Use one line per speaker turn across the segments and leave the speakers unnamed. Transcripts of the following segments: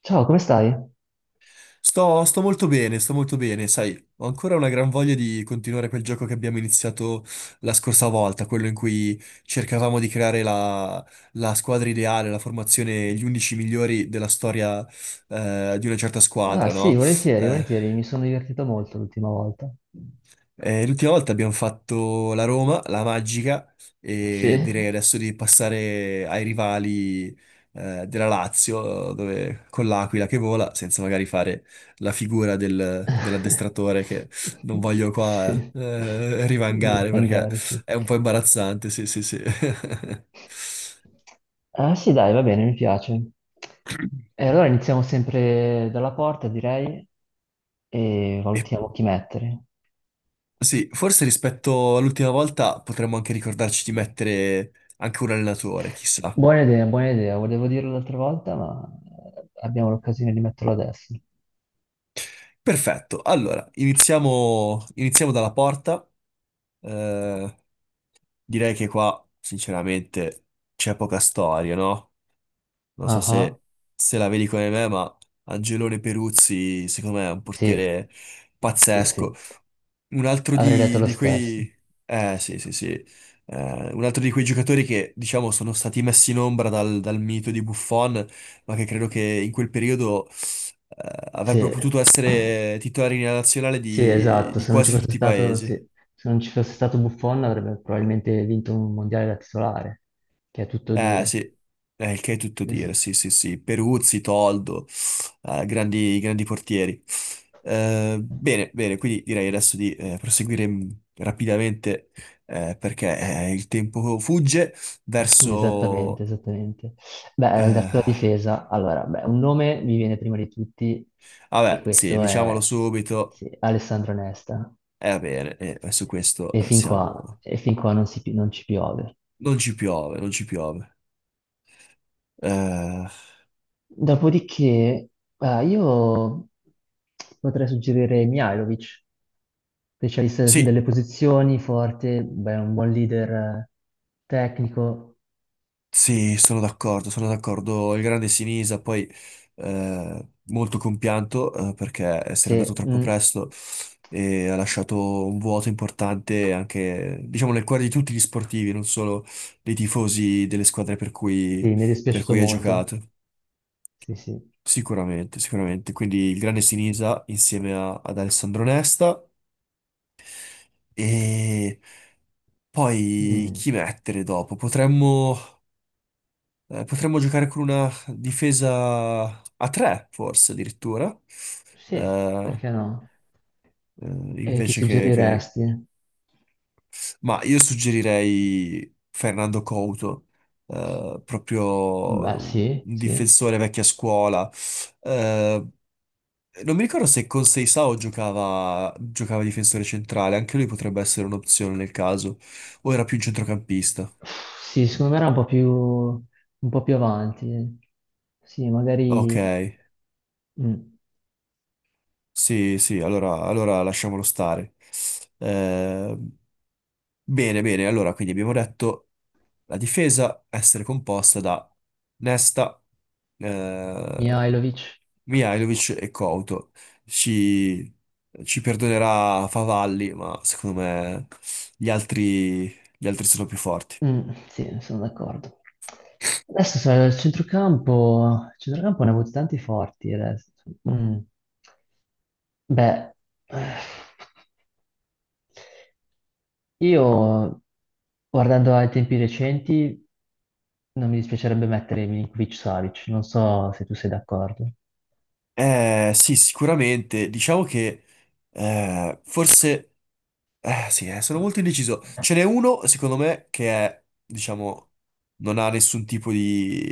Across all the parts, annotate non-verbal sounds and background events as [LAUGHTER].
Ciao, come stai?
Sto molto bene, sto molto bene, sai, ho ancora una gran voglia di continuare quel gioco che abbiamo iniziato la scorsa volta, quello in cui cercavamo di creare la squadra ideale, la formazione, gli 11 migliori della storia, di una certa
Ah,
squadra,
sì,
no?
volentieri,
Eh,
volentieri, mi sono divertito molto l'ultima volta.
L'ultima volta abbiamo fatto la Roma, la Magica,
Sì.
e direi adesso di passare ai rivali, della Lazio, dove, con l'Aquila che vola, senza magari fare la figura dell'addestratore
[LAUGHS]
che non voglio qua,
Sì.
rivangare, perché
Fangare, sì.
è un po' imbarazzante, sì, sì, sì. [LAUGHS]
Ah, sì, dai, va bene, mi piace. E allora iniziamo sempre dalla porta, direi, e
E
valutiamo chi mettere.
sì, forse rispetto all'ultima volta potremmo anche ricordarci di mettere anche un allenatore, chissà.
Buona idea, volevo dirlo l'altra volta, ma abbiamo l'occasione di metterlo adesso.
Perfetto, allora iniziamo, iniziamo dalla porta. Eh, Direi che qua, sinceramente, c'è poca storia, no? Non so
Ah, ah,
se la vedi come me, ma Angelone Peruzzi, secondo me, è un
sì,
portiere
sì, sì.
pazzesco. Un altro
Avrei detto
di,
lo
di
stesso.
quei...
Sì,
sì, sì, sì. Un altro di quei giocatori che, diciamo, sono stati messi in ombra dal mito di Buffon, ma che credo che in quel periodo... avrebbero
sì,
potuto essere titolari nella nazionale
sì,
di
esatto.
di
Se non ci
quasi
fosse
tutti i
stato, sì.
paesi.
Se non ci fosse stato Buffon avrebbe probabilmente vinto un mondiale da titolare, che è tutto
Eh
dire.
sì, il che è tutto
Eh sì.
dire, sì sì sì. Peruzzi, Toldo, grandi, grandi portieri. Bene, bene, quindi direi adesso di proseguire rapidamente, perché il tempo fugge
[LAUGHS] Esattamente,
verso...
esattamente. Beh, la
eh,
tua difesa, allora, beh, un nome mi viene prima di tutti e
vabbè, sì,
questo
diciamolo
è
subito,
sì, Alessandro Nesta.
va bene, e su questo siamo...
E fin qua non si pi- non ci piove.
Non ci piove, non ci piove. Eh,
Dopodiché, io potrei suggerire Mihajlovic, specialista su
sì.
delle posizioni, forte, beh, un buon leader tecnico.
Sì, sono d'accordo, sono d'accordo. Il grande Sinisa, poi, molto compianto, perché se n'è andato
Se,
troppo presto e ha lasciato un vuoto importante anche, diciamo, nel cuore di tutti gli sportivi, non solo dei tifosi delle squadre
sì, mi è
per
dispiaciuto
cui ha
molto.
giocato.
Sì, sì.
Sicuramente, sicuramente. Quindi il grande Sinisa insieme ad Alessandro Nesta. E poi
Mm,
chi mettere dopo? Potremmo... potremmo giocare con una difesa a tre, forse addirittura.
sì,
Eh,
perché no?
eh,
E chi
invece che, che-
suggeriresti?
Ma io suggerirei Fernando Couto,
Beh,
proprio un
sì,
un
sì.
difensore vecchia scuola. Eh, Non mi ricordo se con Seisao giocava, giocava difensore centrale, anche lui potrebbe essere un'opzione nel caso, o era più un centrocampista.
Sì, secondo me era un po' più avanti. Sì,
Ok.
magari... mm.
Sì, sì, allora lasciamolo stare. Eh, Bene, bene, allora quindi abbiamo detto la difesa essere composta da Nesta, eh,
Mihajlovic.
Mihailovic e Couto. Ci, ci perdonerà Favalli, ma secondo me gli altri, gli altri sono più forti.
Mm, sì, sono d'accordo. Adesso sai, il centrocampo ne ha avuti tanti forti adesso. Mm. Beh, eh, io guardando ai tempi recenti non mi dispiacerebbe mettere Milinkovic-Savic, non so se tu sei d'accordo.
Sì, sicuramente. Diciamo che forse. Eh sì, sono molto indeciso. Ce n'è uno, secondo me, che è, diciamo, non ha nessun tipo di,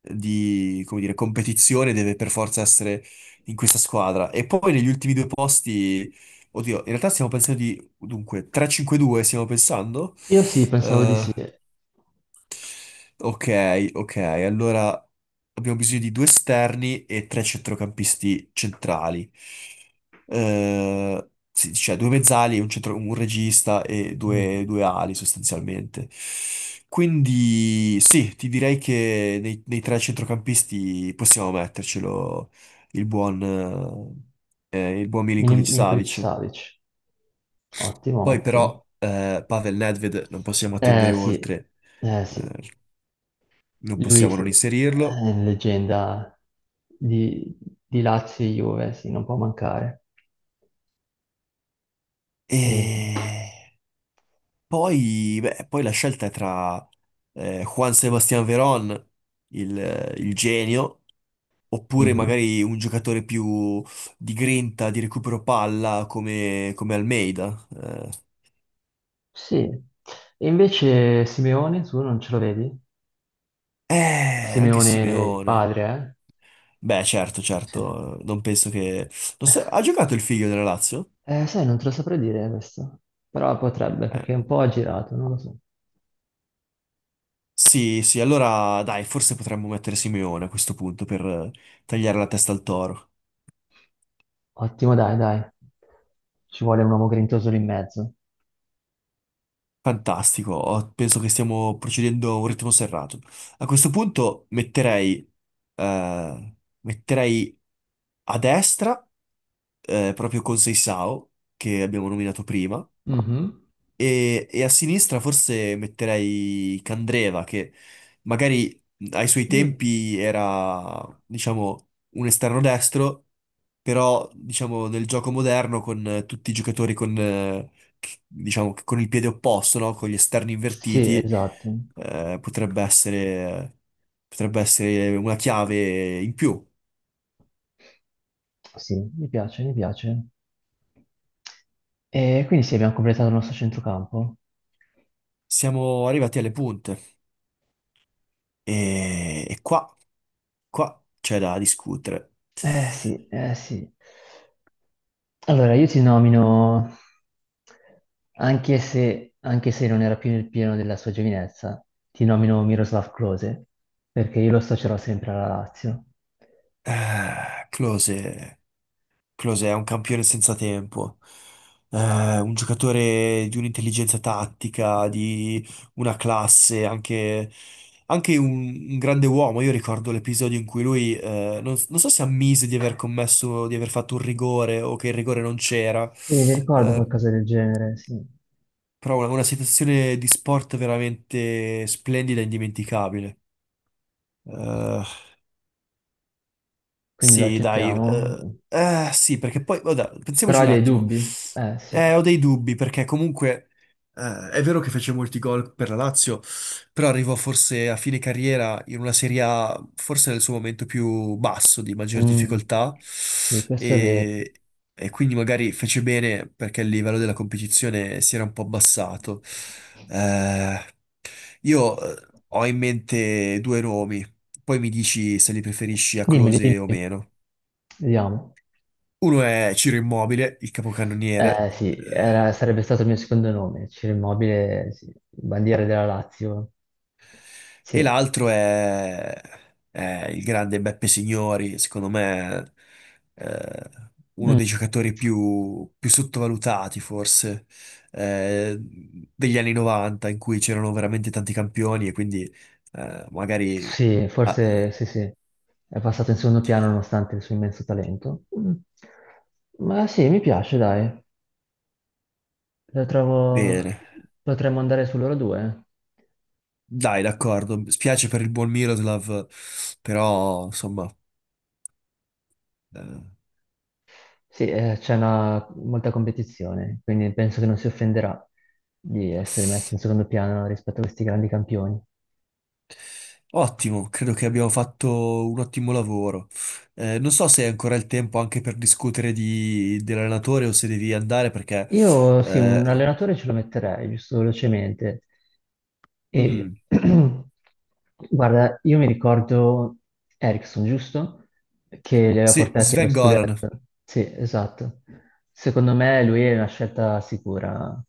di, come dire, competizione, deve per forza essere in questa squadra. E poi negli ultimi due posti, oddio, in realtà stiamo pensando di, dunque, 3-5-2 stiamo pensando?
Io sì, pensavo di sì.
eh, Ok, ok, allora abbiamo bisogno di due esterni e tre centrocampisti centrali. Sì, cioè due mezzali, un regista e
Mhm.
due ali, sostanzialmente. Quindi sì, ti direi che nei tre centrocampisti possiamo mettercelo il buon, il buon Milinkovic-Savic.
Milinkovic-Savic, ottimo,
Poi
ottimo.
però Pavel Nedved non possiamo
Eh
attendere
sì,
oltre,
eh sì,
eh, non
lui
possiamo
sì,
non inserirlo.
è leggenda di, di Lazio e Juve, sì, non può mancare. E-
E poi, beh, poi la scelta è tra Juan Sebastián Verón, il genio, oppure
mhm,
magari un giocatore più di grinta, di recupero palla, come Almeida.
sì, e invece Simeone, tu non ce lo vedi?
Anche
Simeone il
Simeone.
padre, eh?
Beh, certo,
Sì.
certo, non penso che... non so- Ha giocato il figlio della Lazio?
Sai, non te lo saprei dire questo, però potrebbe, perché
Eh,
è un po' aggirato, non lo so.
Sì, sì, allora dai, forse potremmo mettere Simeone a questo punto per tagliare la testa al toro.
Ottimo, dai, dai. Ci vuole un uomo grintoso lì in mezzo.
Fantastico, penso che stiamo procedendo a un ritmo serrato. A questo punto eh, metterei a destra, proprio con Seisao, che abbiamo nominato prima,
Mhm.
e a sinistra forse metterei Candreva, che magari ai suoi
Mm.
tempi era, diciamo, un esterno destro, però, diciamo, nel gioco moderno con tutti i giocatori con, diciamo, che con il piede opposto, no? Con gli esterni
Sì,
invertiti,
esatto.
eh, potrebbe essere, potrebbe essere una chiave in più.
Sì, mi piace, mi piace. E quindi sì, abbiamo completato il nostro centrocampo.
Siamo arrivati alle punte, e qua c'è da discutere.
Eh sì, eh sì. Allora, io ti nomino, anche se non era più nel pieno della sua giovinezza, ti nomino Miroslav Klose, perché io lo associerò sempre alla Lazio.
Eh, Klose, Klose è un campione senza tempo. Un giocatore di un'intelligenza tattica, di una classe, anche un grande uomo. Io ricordo l'episodio in cui lui, non so se ammise di aver commesso, di aver fatto un rigore, o che il rigore non c'era,
Sì, mi ricordo
eh,
qualcosa del genere, sì.
però una situazione di sport veramente splendida e indimenticabile. Eh,
Quindi lo
Sì, dai,
accettiamo.
sì, perché poi, vabbè,
Però
pensiamoci
hai
un
dei
attimo.
dubbi? Eh sì.
Ho dei dubbi, perché comunque è vero che fece molti gol per la Lazio, però arrivò forse a fine carriera in una Serie A, forse nel suo momento più basso, di maggior
Mm.
difficoltà,
Sì, questo è vero.
e, e quindi magari fece bene perché il livello della competizione si era un po' abbassato. Eh, io ho in mente due nomi, poi mi dici se li preferisci a
Dimmeli,
Close o
dimmi,
meno.
vediamo.
Uno è Ciro Immobile, il capocannoniere,
Eh sì, sarebbe stato il mio secondo nome, Ciro Immobile, sì, bandiera della Lazio.
e
Sì.
l'altro è il grande Beppe Signori, secondo me eh, uno
Mm,
dei giocatori più sottovalutati, forse, degli anni 90, in cui c'erano veramente tanti campioni, e quindi magari...
sì,
Ah,
forse sì, sì. È passato in secondo piano nonostante il suo immenso talento. Mm. Ma sì, mi piace, dai. Lo trovo...
bene,
Potremmo andare su loro due.
dai, d'accordo, spiace per il buon Miroslav, però insomma... eh,
Sì, c'è una... molta competizione, quindi penso che non si offenderà di essere messo in secondo piano rispetto a questi grandi campioni.
Ottimo, credo che abbiamo fatto un ottimo lavoro. Non so se hai ancora il tempo anche per discutere dell'allenatore, o se devi andare, perché...
Io sì, un
eh,
allenatore ce lo metterei, giusto velocemente. E
mm,
[CLEARS THROAT] guarda, io mi ricordo Ericsson, giusto? Che li aveva
sì,
portati allo
Sven Goran.
scudetto. Sì, esatto. Secondo me lui è una scelta sicura.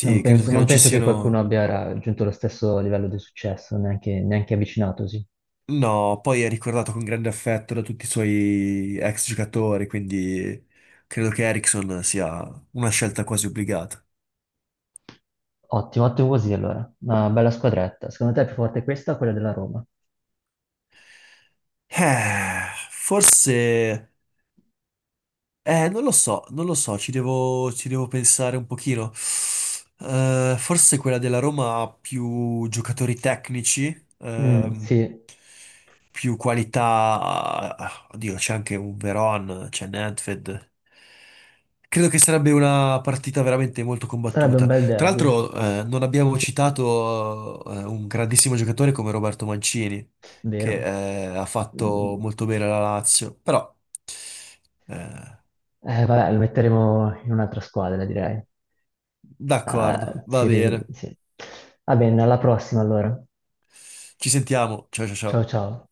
Non
credo
penso,
che
non
non ci
penso che qualcuno
siano...
abbia raggiunto lo stesso livello di successo, neanche, neanche avvicinatosi.
No, poi è ricordato con grande affetto da tutti i suoi ex giocatori, quindi credo che Eriksson sia una scelta quasi obbligata.
Ottimo, ottimo così allora. Una bella squadretta. Secondo te è più forte questa o quella della Roma?
Forse. Non lo so, non lo so, ci devo pensare un pochino. Forse quella della Roma ha più giocatori tecnici,
Mm, sì.
più qualità. Oddio, c'è anche un Veron, c'è Nedved. Credo che sarebbe una partita veramente molto
Sarebbe un
combattuta.
bel
Tra
derby,
l'altro, non abbiamo
sì,
citato, un grandissimo giocatore come Roberto Mancini, che,
vero.
ha fatto
Mm,
molto bene alla Lazio, però... eh,
Vabbè, lo metteremo in un'altra squadra, direi.
D'accordo,
Ah,
va bene.
sì. Va bene, alla prossima allora.
Ci sentiamo. Ciao, ciao,
Ciao
ciao.
ciao.